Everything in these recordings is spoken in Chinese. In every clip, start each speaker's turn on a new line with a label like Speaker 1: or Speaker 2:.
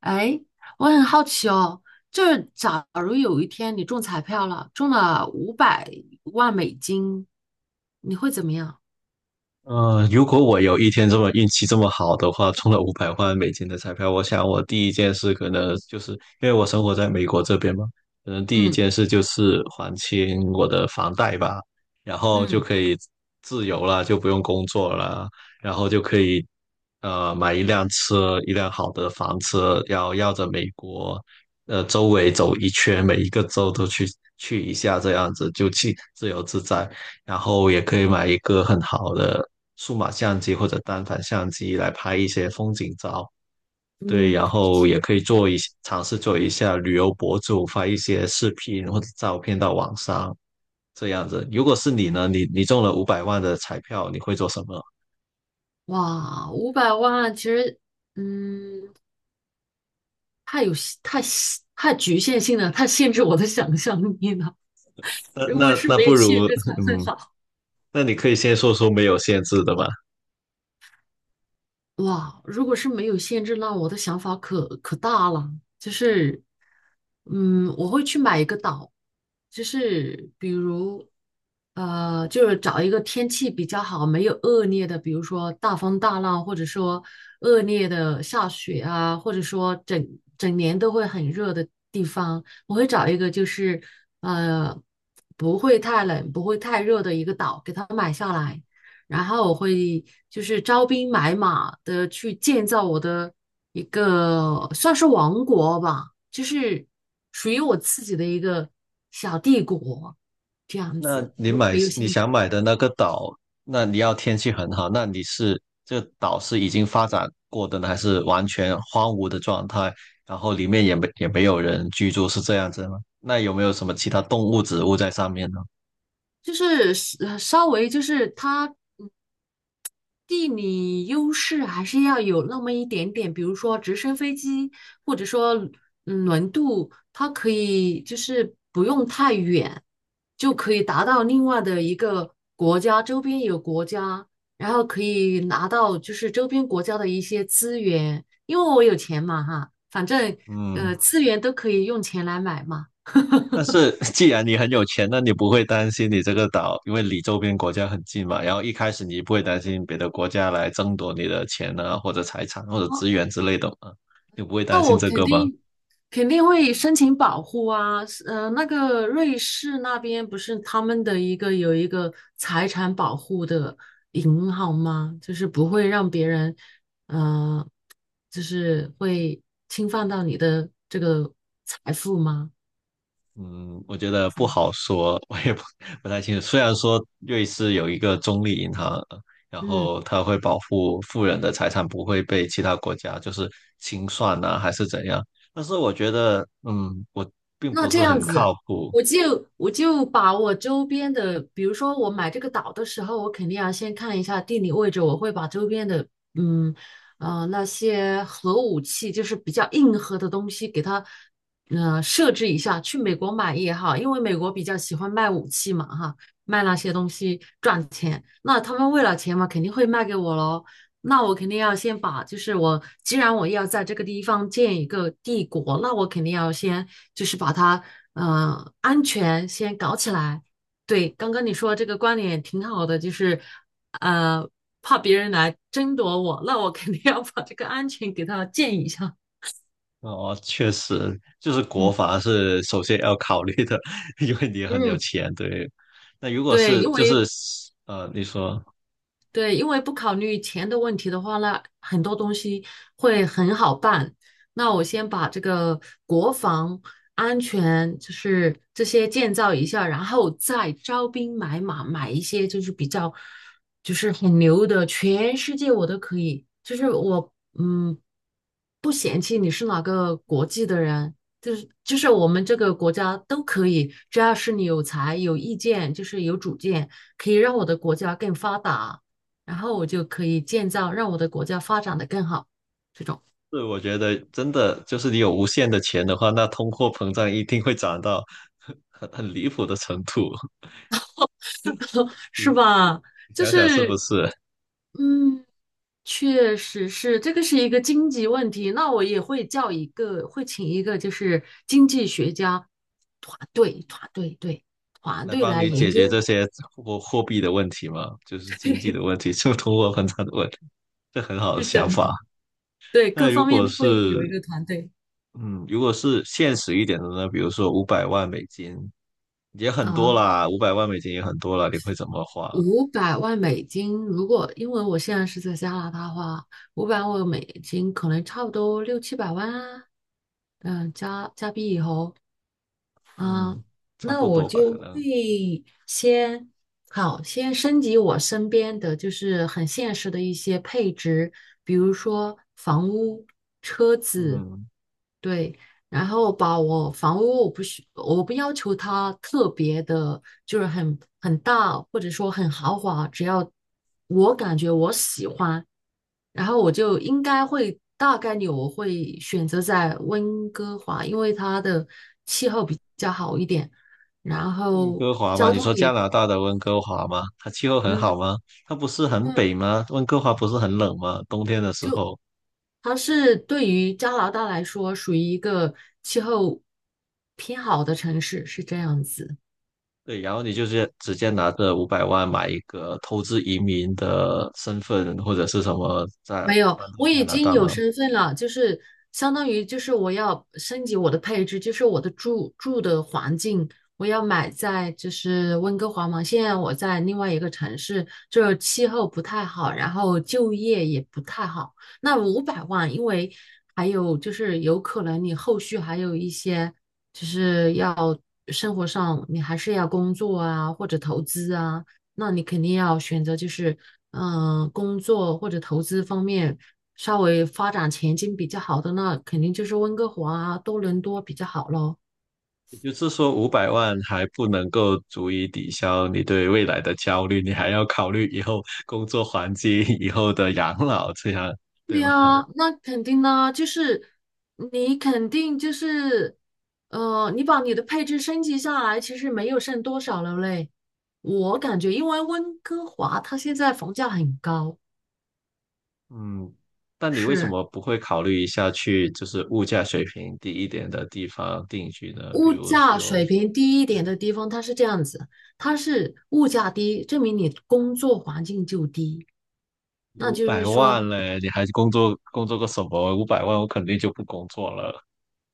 Speaker 1: 哎，我很好奇哦，就是假如有一天你中彩票了，中了五百万美金，你会怎么样？
Speaker 2: 如果我有一天这么运气这么好的话，中了五百万美金的彩票，我想我第一件事可能就是因为我生活在美国这边嘛，可能第一
Speaker 1: 嗯
Speaker 2: 件事就是还清我的房贷吧，然后就
Speaker 1: 嗯，
Speaker 2: 可以自由了，就不用工作了，然后就可以买一辆车，一辆好的房车，要绕着美国周围走一圈，每一个州都去去一下，这样子就去自由自在。然后也可以买一个很好的数码相机或者单反相机来拍一些风景照。对，
Speaker 1: 嗯，
Speaker 2: 然后也可以做一些尝试做一下旅游博主，发一些视频或者照片到网上，这样子。如果是你呢，你中了五百万的彩票，你会做什么？
Speaker 1: 哇，五百万其实，嗯，太局限性了，太限制我的想象力了。
Speaker 2: 那
Speaker 1: 如果
Speaker 2: 那
Speaker 1: 是
Speaker 2: 那
Speaker 1: 没
Speaker 2: 不
Speaker 1: 有
Speaker 2: 如，
Speaker 1: 限制 才会
Speaker 2: 嗯，
Speaker 1: 好。
Speaker 2: 那你可以先说说没有限制的吧。
Speaker 1: 哇，如果是没有限制，那我的想法可大了，就是，我会去买一个岛，就是比如，就是找一个天气比较好、没有恶劣的，比如说大风大浪，或者说恶劣的下雪啊，或者说整年都会很热的地方，我会找一个就是，呃，不会太冷、不会太热的一个岛，给它买下来。然后我会就是招兵买马的去建造我的一个算是王国吧，就是属于我自己的一个小帝国这样
Speaker 2: 那
Speaker 1: 子。
Speaker 2: 你
Speaker 1: 如果
Speaker 2: 买
Speaker 1: 没有
Speaker 2: 你
Speaker 1: 现，
Speaker 2: 想买的那个岛，那你要天气很好，那你是这个岛是已经发展过的呢，还是完全荒芜的状态？然后里面也没有人居住，是这样子吗？那有没有什么其他动物、植物在上面呢？
Speaker 1: 就是呃稍微就是他。嗯地理优势还是要有那么一点点，比如说直升飞机，或者说轮渡，它可以就是不用太远，就可以达到另外的一个国家，周边有国家，然后可以拿到就是周边国家的一些资源，因为我有钱嘛哈，反正
Speaker 2: 嗯，
Speaker 1: 资源都可以用钱来买嘛。
Speaker 2: 但是 既然你很有钱，那你不会担心你这个岛，因为离周边国家很近嘛。然后一开始你不会担心别的国家来争夺你的钱啊，或者财产或者资
Speaker 1: 哦，
Speaker 2: 源之类的嘛？你不会
Speaker 1: 那
Speaker 2: 担心
Speaker 1: 我
Speaker 2: 这
Speaker 1: 肯
Speaker 2: 个吗？
Speaker 1: 定肯定会申请保护啊，那个瑞士那边不是他们的一个有一个财产保护的银行吗？就是不会让别人，呃，就是会侵犯到你的这个财富吗？
Speaker 2: 嗯，我觉得
Speaker 1: 是
Speaker 2: 不
Speaker 1: 吧？
Speaker 2: 好说，我也不太清楚。虽然说瑞士有一个中立银行，然
Speaker 1: 嗯，
Speaker 2: 后它会保护富人的财产不会被其他国家就是清算呐、还是怎样，但是我觉得，嗯，我并
Speaker 1: 那
Speaker 2: 不
Speaker 1: 这
Speaker 2: 是
Speaker 1: 样
Speaker 2: 很靠
Speaker 1: 子，
Speaker 2: 谱。
Speaker 1: 我就把我周边的，比如说我买这个岛的时候，我肯定要先看一下地理位置，我会把周边的，嗯那些核武器，就是比较硬核的东西，给它设置一下。去美国买也好，因为美国比较喜欢卖武器嘛，哈，卖那些东西赚钱。那他们为了钱嘛，肯定会卖给我喽。那我肯定要先把，就是我既然我要在这个地方建一个帝国，那我肯定要先就是把它，安全先搞起来。对，刚刚你说这个观点挺好的，就是，呃，怕别人来争夺我，那我肯定要把这个安全给它建一下。
Speaker 2: 哦，确实，就是国
Speaker 1: 嗯
Speaker 2: 防是首先要考虑的，因为你很有
Speaker 1: 嗯，
Speaker 2: 钱，对。那如果
Speaker 1: 对，
Speaker 2: 是
Speaker 1: 因
Speaker 2: 就是
Speaker 1: 为
Speaker 2: 你说。
Speaker 1: 对，因为不考虑钱的问题的话，那很多东西会很好办。那我先把这个国防安全，就是这些建造一下，然后再招兵买马，买一些就是比较就是很牛的，全世界我都可以。就是我嗯，不嫌弃你是哪个国际的人，就是我们这个国家都可以，只要是你有才、有意见，就是有主见，可以让我的国家更发达。然后我就可以建造让我的国家发展的更好，这种
Speaker 2: 是，我觉得真的就是你有无限的钱的话，那通货膨胀一定会涨到很离谱的程度。你
Speaker 1: 是吧？
Speaker 2: 你
Speaker 1: 就
Speaker 2: 想想是不
Speaker 1: 是
Speaker 2: 是？
Speaker 1: 嗯，确实是这个是一个经济问题。那我也会叫一个，会请一个就是经济学家团队，团
Speaker 2: 来
Speaker 1: 队
Speaker 2: 帮
Speaker 1: 来
Speaker 2: 你
Speaker 1: 研
Speaker 2: 解
Speaker 1: 究。
Speaker 2: 决这些货币的问题嘛，就是 经济的
Speaker 1: 对，
Speaker 2: 问题，就通货膨胀的问题，这很好的
Speaker 1: 是
Speaker 2: 想
Speaker 1: 的，
Speaker 2: 法。
Speaker 1: 对
Speaker 2: 那
Speaker 1: 各
Speaker 2: 如
Speaker 1: 方面
Speaker 2: 果
Speaker 1: 都
Speaker 2: 是
Speaker 1: 会有一个团队
Speaker 2: 嗯，如果是现实一点的呢，比如说五百万美金也很多
Speaker 1: 啊。
Speaker 2: 啦，五百万美金也很多了，你会怎么花？
Speaker 1: 五百万美金，如果因为我现在是在加拿大的话，五百万美金可能差不多六七百万啊。嗯，加币以后，
Speaker 2: 嗯，
Speaker 1: 嗯，
Speaker 2: 差
Speaker 1: 那
Speaker 2: 不
Speaker 1: 我
Speaker 2: 多吧，
Speaker 1: 就
Speaker 2: 可能。
Speaker 1: 会先好，先升级我身边的就是很现实的一些配置，比如说房屋、车子，
Speaker 2: 嗯。
Speaker 1: 对，然后把我房屋我不要求它特别的，就是很大或者说很豪华，只要我感觉我喜欢，然后我就应该会大概率我会选择在温哥华，因为它的气候比较好一点，然
Speaker 2: 温
Speaker 1: 后
Speaker 2: 哥华吗？
Speaker 1: 交
Speaker 2: 你
Speaker 1: 通
Speaker 2: 说加
Speaker 1: 也
Speaker 2: 拿大的温哥华吗？它气候很好
Speaker 1: 嗯，
Speaker 2: 吗？它不是很
Speaker 1: 那
Speaker 2: 北吗？温哥华不是很冷吗？冬天的时候，
Speaker 1: 它是对于加拿大来说属于一个气候偏好的城市，是这样子。
Speaker 2: 对，然后你就是直接拿着五百万买一个投资移民的身份或者是什么，再
Speaker 1: 没有，
Speaker 2: 搬到
Speaker 1: 我
Speaker 2: 加
Speaker 1: 已
Speaker 2: 拿
Speaker 1: 经
Speaker 2: 大吗？
Speaker 1: 有身份了，就是相当于就是我要升级我的配置，就是我的住的环境，我要买在就是温哥华嘛。现在我在另外一个城市，这气候不太好，然后就业也不太好。那五百万，因为还有就是有可能你后续还有一些就是要生活上你还是要工作啊，或者投资啊。那你肯定要选择就是工作或者投资方面稍微发展前景比较好的，那肯定就是温哥华啊、多伦多比较好咯。
Speaker 2: 也就是说，五百万还不能够足以抵消你对未来的焦虑，你还要考虑以后工作环境、以后的养老，这样对
Speaker 1: 对
Speaker 2: 吗？
Speaker 1: 呀，那肯定呢，就是你肯定就是，你把你的配置升级下来，其实没有剩多少了嘞。我感觉，因为温哥华它现在房价很高，
Speaker 2: 嗯，但你为什
Speaker 1: 是。
Speaker 2: 么不会考虑一下去就是物价水平低一点的地方定居呢？比
Speaker 1: 物
Speaker 2: 如
Speaker 1: 价
Speaker 2: 说，
Speaker 1: 水平低一
Speaker 2: 对，
Speaker 1: 点的地方，它是这样子，它是物价低，证明你工作环境就低，那
Speaker 2: 五
Speaker 1: 就
Speaker 2: 百
Speaker 1: 是说，
Speaker 2: 万嘞，你还工作工作个什么？五百万我肯定就不工作了。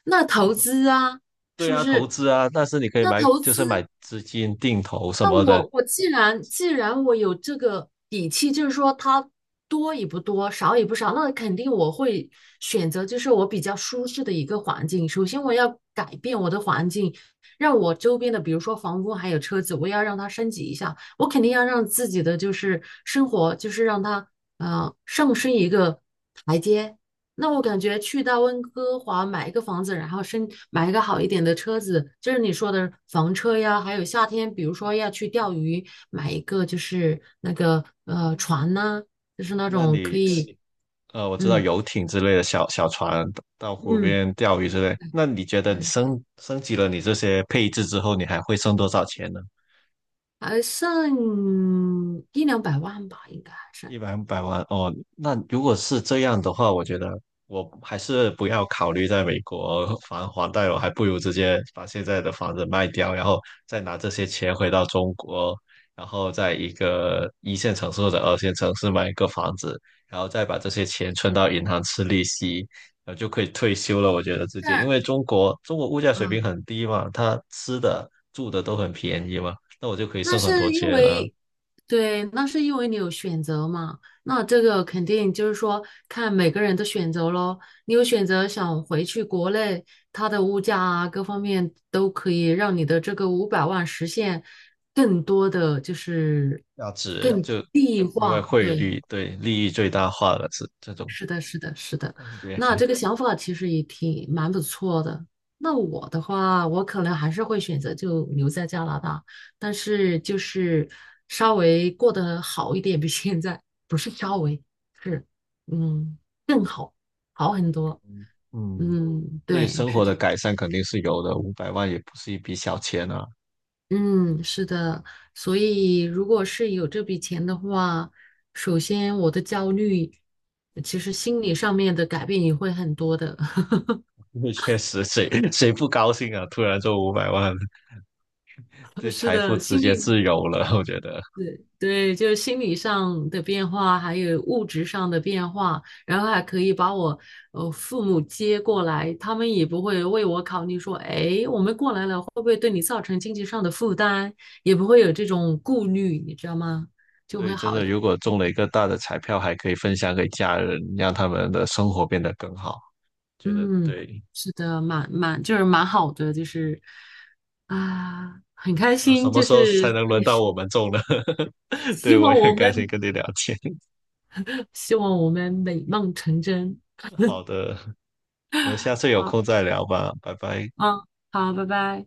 Speaker 1: 那投资啊，是
Speaker 2: 对
Speaker 1: 不
Speaker 2: 啊，投
Speaker 1: 是？
Speaker 2: 资啊，但是你可以
Speaker 1: 那
Speaker 2: 买，
Speaker 1: 投
Speaker 2: 就是买
Speaker 1: 资。
Speaker 2: 资金定投什
Speaker 1: 那
Speaker 2: 么的。
Speaker 1: 我既然我有这个底气，就是说它多也不多，少也不少，那肯定我会选择就是我比较舒适的一个环境。首先我要改变我的环境，让我周边的，比如说房屋还有车子，我要让它升级一下。我肯定要让自己的就是生活，就是让它上升一个台阶。那我感觉去到温哥华买一个房子，然后买一个好一点的车子，就是你说的房车呀，还有夏天，比如说要去钓鱼，买一个就是那个船呐、就是那
Speaker 2: 那
Speaker 1: 种可
Speaker 2: 你是
Speaker 1: 以，
Speaker 2: 我知道
Speaker 1: 嗯
Speaker 2: 游艇之类的小小船到湖
Speaker 1: 嗯，
Speaker 2: 边钓鱼之类。那你觉得你升级了你这些配置之后，你还会剩多少钱呢？
Speaker 1: 还剩一两百万吧，应该还是，
Speaker 2: 一百万哦，那如果是这样的话，我觉得我还是不要考虑在美国还房贷，我还不如直接把现在的房子卖掉，然后再拿这些钱回到中国，然后在一个一线城市或者二线城市买一个房子，然后再把这些钱存到银行吃利息，然后就可以退休了。我觉得直接，因
Speaker 1: 但
Speaker 2: 为中国物价水
Speaker 1: 啊，
Speaker 2: 平很低嘛，它吃的住的都很便宜嘛，那我就可以
Speaker 1: 那
Speaker 2: 剩很多
Speaker 1: 是因
Speaker 2: 钱了。
Speaker 1: 为对，那是因为你有选择嘛。那这个肯定就是说，看每个人的选择咯。你有选择想回去国内，它的物价啊，各方面都可以让你的这个五百万实现更多的就是
Speaker 2: 要值
Speaker 1: 更
Speaker 2: 就
Speaker 1: 地
Speaker 2: 因为
Speaker 1: 化，
Speaker 2: 汇
Speaker 1: 对，
Speaker 2: 率对利益最大化了，是这种
Speaker 1: 是的，是的，是的。
Speaker 2: 感觉。
Speaker 1: 那这个想法其实也挺蛮不错的。那我的话，我可能还是会选择就留在加拿大，但是就是稍微过得好一点，比现在不是稍微，是嗯更好，好很多。
Speaker 2: 嗯，嗯
Speaker 1: 嗯，
Speaker 2: 对
Speaker 1: 对，
Speaker 2: 生
Speaker 1: 是，
Speaker 2: 活
Speaker 1: 的，
Speaker 2: 的改善肯定是有的，五百万也不是一笔小钱啊。
Speaker 1: 嗯，是的。所以如果是有这笔钱的话，首先我的焦虑，其实心理上面的改变也会很多的。
Speaker 2: 因为确实谁不高兴啊？突然中五百万，对
Speaker 1: 是
Speaker 2: 财富
Speaker 1: 的，
Speaker 2: 直
Speaker 1: 心
Speaker 2: 接
Speaker 1: 理
Speaker 2: 自由了，我觉得。
Speaker 1: 对，就是心理上的变化，还有物质上的变化，然后还可以把我父母接过来，他们也不会为我考虑说，哎，我们过来了会不会对你造成经济上的负担，也不会有这种顾虑，你知道吗？就
Speaker 2: 对，
Speaker 1: 会
Speaker 2: 真
Speaker 1: 好一
Speaker 2: 的，
Speaker 1: 点。
Speaker 2: 如果中了一个大的彩票，还可以分享给家人，让他们的生活变得更好。觉得
Speaker 1: 嗯，
Speaker 2: 对，
Speaker 1: 是的，蛮就是蛮好的，就是啊，很开
Speaker 2: 什
Speaker 1: 心，
Speaker 2: 么
Speaker 1: 就
Speaker 2: 时候
Speaker 1: 是
Speaker 2: 才能
Speaker 1: 跟
Speaker 2: 轮
Speaker 1: 你
Speaker 2: 到
Speaker 1: 说，
Speaker 2: 我们中呢？
Speaker 1: 希
Speaker 2: 对，我
Speaker 1: 望
Speaker 2: 也很
Speaker 1: 我
Speaker 2: 开心
Speaker 1: 们
Speaker 2: 跟你聊天。
Speaker 1: 希望我们美梦成真。
Speaker 2: 好的。我们下次有
Speaker 1: 好，
Speaker 2: 空再聊吧，拜拜。
Speaker 1: 嗯，好，拜拜。